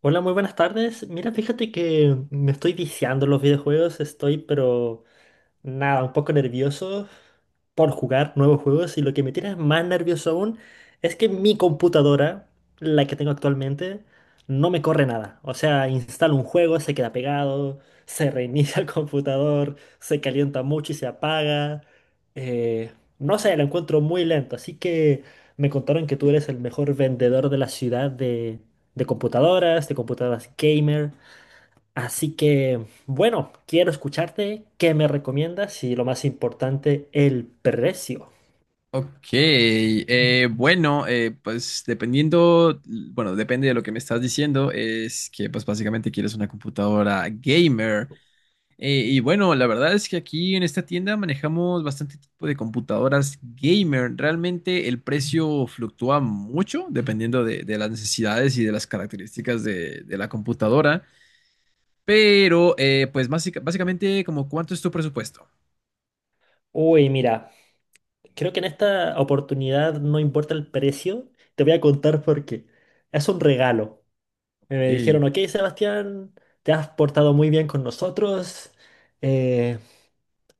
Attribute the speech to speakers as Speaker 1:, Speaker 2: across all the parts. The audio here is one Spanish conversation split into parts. Speaker 1: Hola, muy buenas tardes. Mira, fíjate que me estoy viciando en los videojuegos, estoy pero nada, un poco nervioso por jugar nuevos juegos, y lo que me tiene más nervioso aún es que mi computadora, la que tengo actualmente, no me corre nada. O sea, instalo un juego, se queda pegado, se reinicia el computador, se calienta mucho y se apaga. Eh, no sé, lo encuentro muy lento, así que me contaron que tú eres el mejor vendedor de la ciudad de computadoras, de computadoras gamer. Así que, bueno, quiero escucharte. ¿Qué me recomiendas? Y lo más importante, el precio.
Speaker 2: Ok, bueno, pues dependiendo, bueno, depende de lo que me estás diciendo, es que pues básicamente quieres una computadora gamer. Y bueno, la verdad es que aquí en esta tienda manejamos bastante tipo de computadoras gamer. Realmente el precio fluctúa mucho dependiendo de las necesidades y de las características de la computadora. Pero pues básicamente como cuánto es tu presupuesto.
Speaker 1: Uy, mira, creo que en esta oportunidad no importa el precio. Te voy a contar por qué. Es un regalo.
Speaker 2: Ok,
Speaker 1: Me dijeron: ok, Sebastián, te has portado muy bien con nosotros. eh,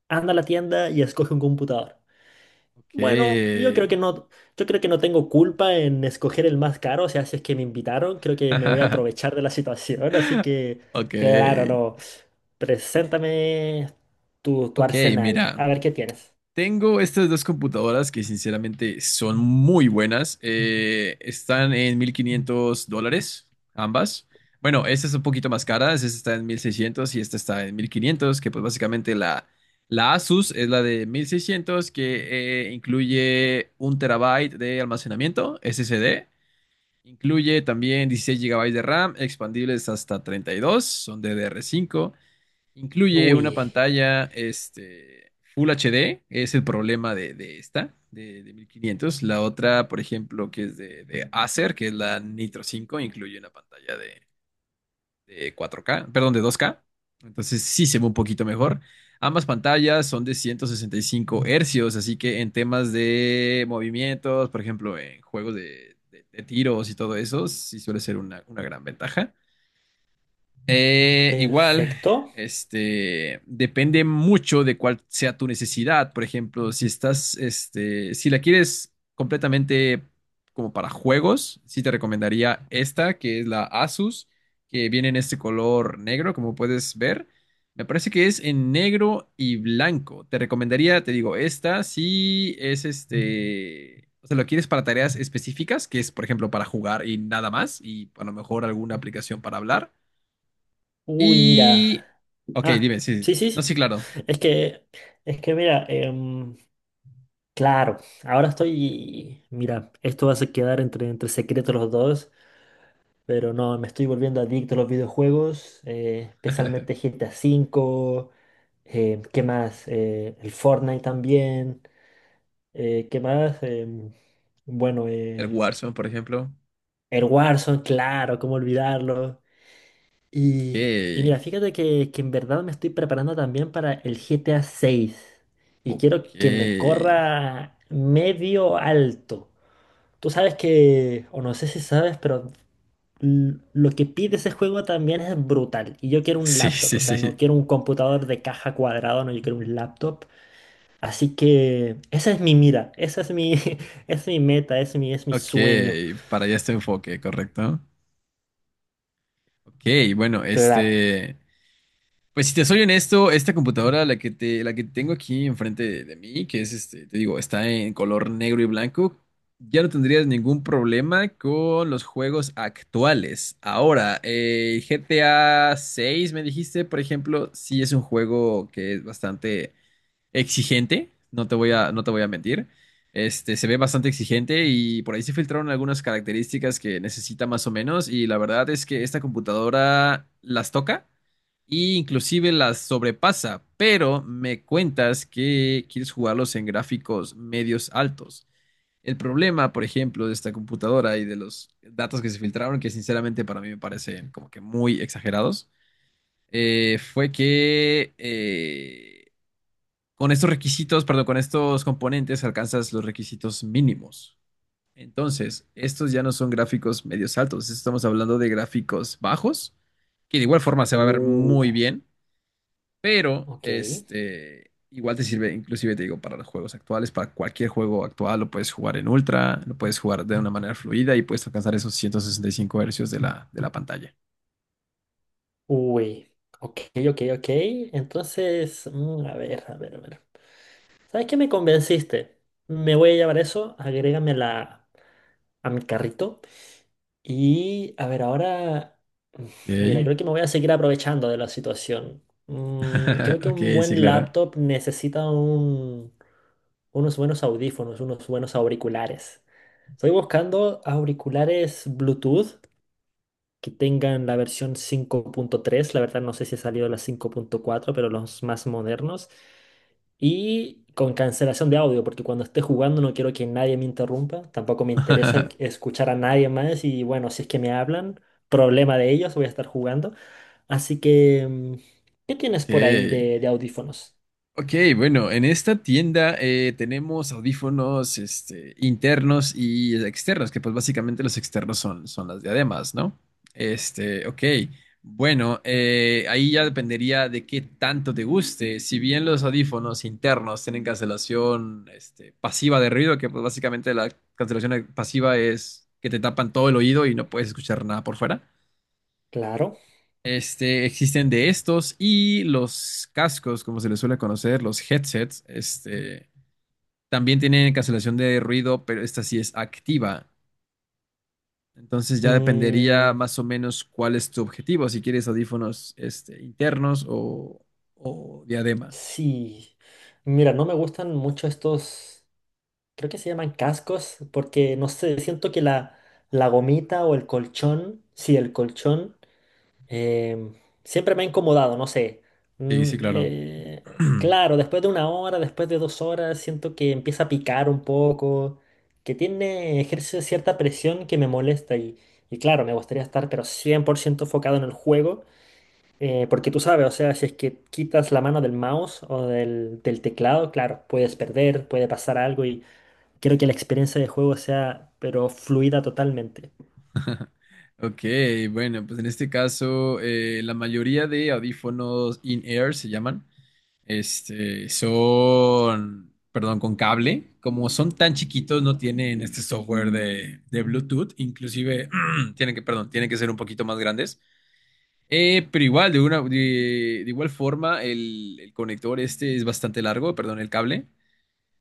Speaker 1: Anda a la tienda y escoge un computador.
Speaker 2: ok.
Speaker 1: Bueno, yo creo que no, yo creo que no tengo culpa en escoger el más caro, o sea, si es que me invitaron, creo que me voy a aprovechar de la situación, así que,
Speaker 2: Ok.
Speaker 1: claro, no. Preséntame tu
Speaker 2: Ok,
Speaker 1: arsenal,
Speaker 2: mira.
Speaker 1: a ver qué tienes.
Speaker 2: Tengo estas dos computadoras que sinceramente son muy buenas. Están en $1,500, ambas. Bueno, esta es un poquito más cara, esta está en 1,600 y esta está en 1,500. Que pues básicamente la Asus es la de 1,600 que incluye un terabyte de almacenamiento SSD. Incluye también 16 GB de RAM, expandibles hasta 32, son DDR5. Incluye una
Speaker 1: Uy,
Speaker 2: pantalla Full HD, es el problema de esta, de 1,500. La otra, por ejemplo, que es de Acer, que es la Nitro 5, incluye una pantalla de 4K, perdón, de 2K. Entonces sí se ve un poquito mejor. Ambas pantallas son de 165 hercios, así que en temas de movimientos, por ejemplo, en juegos de tiros y todo eso, sí suele ser una gran ventaja. Igual,
Speaker 1: perfecto.
Speaker 2: depende mucho de cuál sea tu necesidad. Por ejemplo, si estás, si la quieres completamente como para juegos, sí te recomendaría esta, que es la Asus, que viene en este color negro, como puedes ver. Me parece que es en negro y blanco. Te recomendaría, te digo, esta si es o sea, lo quieres para tareas específicas, que es, por ejemplo, para jugar y nada más, y a lo mejor alguna aplicación para hablar.
Speaker 1: Uy,
Speaker 2: Y.
Speaker 1: mira.
Speaker 2: Ok,
Speaker 1: Ah,
Speaker 2: dime, sí.
Speaker 1: sí, sí,
Speaker 2: No,
Speaker 1: sí.
Speaker 2: sí, claro.
Speaker 1: Es que, es que mira, claro, ahora estoy, mira, esto va a quedar entre secretos los dos. Pero no, me estoy volviendo adicto a los videojuegos, especialmente GTA V. ¿Qué más? El Fortnite también. ¿Qué más? Bueno,
Speaker 2: El
Speaker 1: eh,
Speaker 2: Warzone, por ejemplo.
Speaker 1: el Warzone, claro, cómo olvidarlo.
Speaker 2: Ok.
Speaker 1: Y mira, fíjate que en verdad me estoy preparando también para el GTA 6. Y
Speaker 2: Ok.
Speaker 1: quiero que me corra medio alto. Tú sabes que, o no sé si sabes, pero lo que pide ese juego también es brutal. Y yo quiero un
Speaker 2: Sí,
Speaker 1: laptop,
Speaker 2: sí,
Speaker 1: o sea, no
Speaker 2: sí.
Speaker 1: quiero un computador de caja cuadrado, no, yo quiero un laptop. Así que esa es mi mira, esa es mi, es mi meta, es mi
Speaker 2: Ok.
Speaker 1: sueño.
Speaker 2: Para allá este enfoque, correcto. Ok, bueno,
Speaker 1: Claro.
Speaker 2: este. Pues si te soy honesto, esta computadora, la que tengo aquí enfrente de mí, que es te digo, está en color negro y blanco, ya no tendrías ningún problema con los juegos actuales. Ahora, GTA 6, me dijiste, por ejemplo, sí es un juego que es bastante exigente, no te voy a mentir. Se ve bastante exigente y por ahí se filtraron algunas características que necesita más o menos y la verdad es que esta computadora las toca e inclusive las sobrepasa, pero me cuentas que quieres jugarlos en gráficos medios altos. El problema, por ejemplo, de esta computadora y de los datos que se filtraron, que sinceramente para mí me parecen como que muy exagerados, fue que con estos requisitos, perdón, con estos componentes alcanzas los requisitos mínimos. Entonces, estos ya no son gráficos medios altos, estamos hablando de gráficos bajos, que de igual forma se va a ver
Speaker 1: Uh,
Speaker 2: muy bien, pero
Speaker 1: ok.
Speaker 2: este igual te sirve, inclusive te digo, para los juegos actuales, para cualquier juego actual lo puedes jugar en ultra, lo puedes jugar de una manera fluida y puedes alcanzar esos 165 hercios de la pantalla.
Speaker 1: Uy. Ok, ok, ok. Entonces, mm, a ver, a ver, a ver. ¿Sabes qué? Me convenciste. Me voy a llevar eso, agrégame a mi carrito. Y a ver, ahora, mira,
Speaker 2: Ok.
Speaker 1: creo que me voy a seguir aprovechando de la situación. Creo que
Speaker 2: Ok,
Speaker 1: un
Speaker 2: sí,
Speaker 1: buen
Speaker 2: claro.
Speaker 1: laptop necesita unos buenos audífonos, unos buenos auriculares. Estoy buscando auriculares Bluetooth que tengan la versión 5.3. La verdad, no sé si ha salido la 5.4, pero los más modernos, y con cancelación de audio, porque cuando esté jugando no quiero que nadie me interrumpa, tampoco me interesa escuchar a nadie más. Y bueno, si es que me hablan, problema de ellos, voy a estar jugando. Así que, ¿qué tienes por ahí
Speaker 2: Ok.
Speaker 1: de audífonos?
Speaker 2: Ok, bueno, en esta tienda tenemos audífonos internos y externos, que pues básicamente los externos son, las diademas, ¿no? Ok, bueno, ahí ya dependería de qué tanto te guste. Si bien los audífonos internos tienen cancelación pasiva de ruido, que pues básicamente la cancelación pasiva es que te tapan todo el oído y no puedes escuchar nada por fuera.
Speaker 1: Claro.
Speaker 2: Existen de estos y los cascos, como se les suele conocer, los headsets, también tienen cancelación de ruido, pero esta sí es activa. Entonces ya dependería
Speaker 1: Mm,
Speaker 2: más o menos cuál es tu objetivo, si quieres audífonos, internos o diadema.
Speaker 1: sí. Mira, no me gustan mucho estos. Creo que se llaman cascos, porque no sé, siento que la gomita o el colchón, sí, el colchón, em, siempre me ha incomodado, no sé.
Speaker 2: Sí, sí, claro.
Speaker 1: Claro, después de 1 hora, después de 2 horas, siento que empieza a picar un poco, que tiene, ejerce cierta presión que me molesta, y claro, me gustaría estar pero 100% enfocado en el juego. Porque tú sabes, o sea, si es que quitas la mano del mouse o del teclado, claro, puedes perder, puede pasar algo. Quiero que la experiencia de juego sea, pero fluida totalmente.
Speaker 2: Ok, bueno, pues en este caso, la mayoría de audífonos in-ear se llaman. Son, perdón, con cable. Como son tan chiquitos, no tienen este software de Bluetooth. Inclusive, tienen que, perdón, tienen que ser un poquito más grandes. Pero igual, de igual forma, el conector este es bastante largo, perdón, el cable.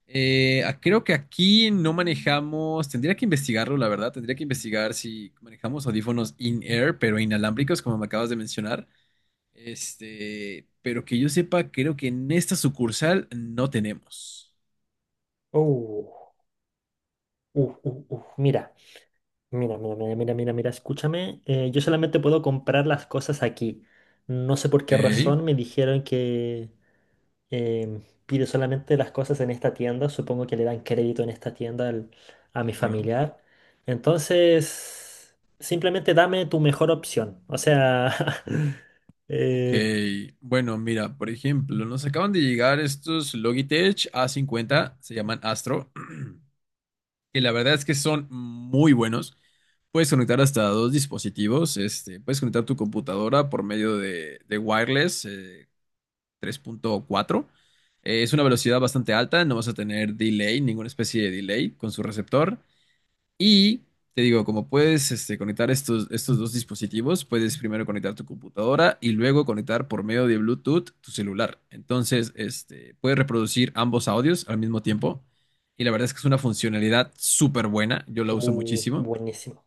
Speaker 2: Ah, creo que aquí no manejamos, tendría que investigarlo, la verdad, tendría que investigar si manejamos audífonos in-air, pero inalámbricos, como me acabas de mencionar. Pero que yo sepa, creo que en esta sucursal no tenemos.
Speaker 1: Uh, Mira, mira, mira, mira, mira, mira, mira, escúchame. Yo solamente puedo comprar las cosas aquí. No sé por
Speaker 2: Ok,
Speaker 1: qué
Speaker 2: sí,
Speaker 1: razón me dijeron que pide solamente las cosas en esta tienda. Supongo que le dan crédito en esta tienda a mi
Speaker 2: claro.
Speaker 1: familiar. Entonces, simplemente dame tu mejor opción. O sea,
Speaker 2: Ok,
Speaker 1: eh,
Speaker 2: bueno, mira, por ejemplo, nos acaban de llegar estos Logitech A50, se llaman Astro, que la verdad es que son muy buenos. Puedes conectar hasta dos dispositivos, puedes conectar tu computadora por medio de wireless 3.4. Es una velocidad bastante alta, no vas a tener delay, ninguna especie de delay con su receptor. Y te digo, como puedes conectar estos dos dispositivos, puedes primero conectar tu computadora y luego conectar por medio de Bluetooth tu celular. Entonces, puedes reproducir ambos audios al mismo tiempo. Y la verdad es que es una funcionalidad súper buena. Yo la uso muchísimo.
Speaker 1: buenísimo.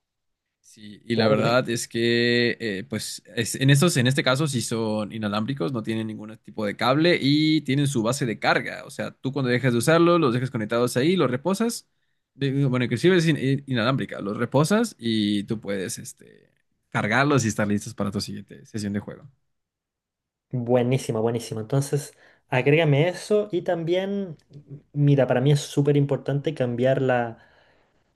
Speaker 2: Sí, y la
Speaker 1: Claro, dime.
Speaker 2: verdad es que, pues, en este caso, sí son inalámbricos, no tienen ningún tipo de cable y tienen su base de carga. O sea, tú cuando dejas de usarlo, los dejas conectados ahí, los reposas. Bueno, inclusive es inalámbrica, los reposas y tú puedes, cargarlos y estar listos para tu siguiente sesión de juego.
Speaker 1: Buenísima, buenísima. Entonces, agrégame eso, y también, mira, para mí es súper importante cambiar la,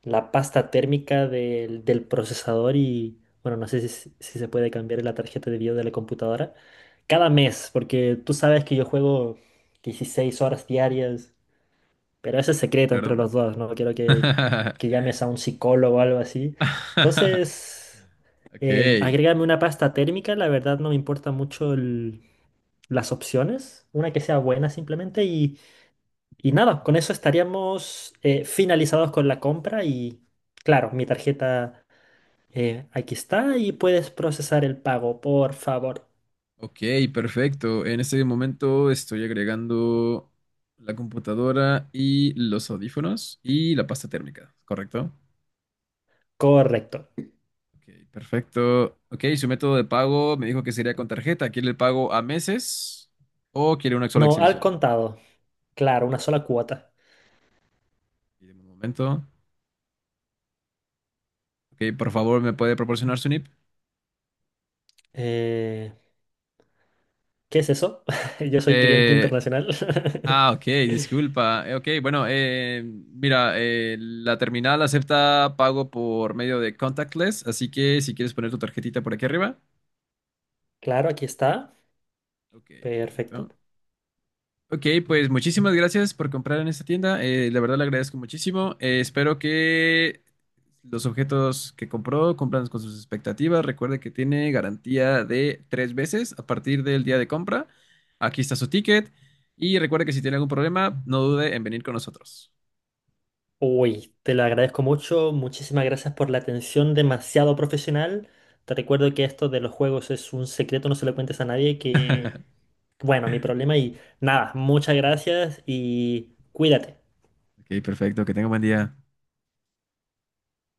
Speaker 1: la pasta térmica del procesador y, bueno, no sé si se puede cambiar la tarjeta de video de la computadora cada mes, porque tú sabes que yo juego 16 horas diarias, pero ese es secreto entre
Speaker 2: Claro.
Speaker 1: los dos, no quiero que llames a un psicólogo o algo así. Entonces,
Speaker 2: Ok.
Speaker 1: agrégame una pasta térmica, la verdad no me importa mucho las opciones, una que sea buena simplemente. Y y nada, con eso estaríamos finalizados con la compra, y claro, mi tarjeta aquí está, y puedes procesar el pago, por favor.
Speaker 2: Ok, perfecto. En este momento estoy agregando la computadora y los audífonos y la pasta térmica, ¿correcto?
Speaker 1: Correcto.
Speaker 2: Ok, perfecto. Ok, su método de pago me dijo que sería con tarjeta. ¿Quiere el pago a meses o quiere una sola
Speaker 1: No, al
Speaker 2: exhibición?
Speaker 1: contado.
Speaker 2: Ok,
Speaker 1: Claro, una sola cuota.
Speaker 2: pídeme un momento. Ok, por favor, ¿me puede proporcionar su NIP?
Speaker 1: Eh, ¿Qué es eso? Yo soy cliente
Speaker 2: Eh,
Speaker 1: internacional.
Speaker 2: Ah, ok, disculpa. Ok, bueno, mira, la terminal acepta pago por medio de contactless, así que si quieres poner tu tarjetita por aquí arriba.
Speaker 1: Claro, aquí está.
Speaker 2: Ok,
Speaker 1: Perfecto.
Speaker 2: perfecto. Ok, pues muchísimas gracias por comprar en esta tienda. La verdad le agradezco muchísimo. Espero que los objetos que compró cumplan con sus expectativas. Recuerde que tiene garantía de tres veces a partir del día de compra. Aquí está su ticket. Y recuerde que si tiene algún problema, no dude en venir con nosotros.
Speaker 1: Uy, te lo agradezco mucho. Muchísimas gracias por la atención demasiado profesional. Te recuerdo que esto de los juegos es un secreto, no se lo cuentes a nadie, que bueno, mi problema, y nada, muchas gracias y cuídate.
Speaker 2: Ok, perfecto, que tenga buen día.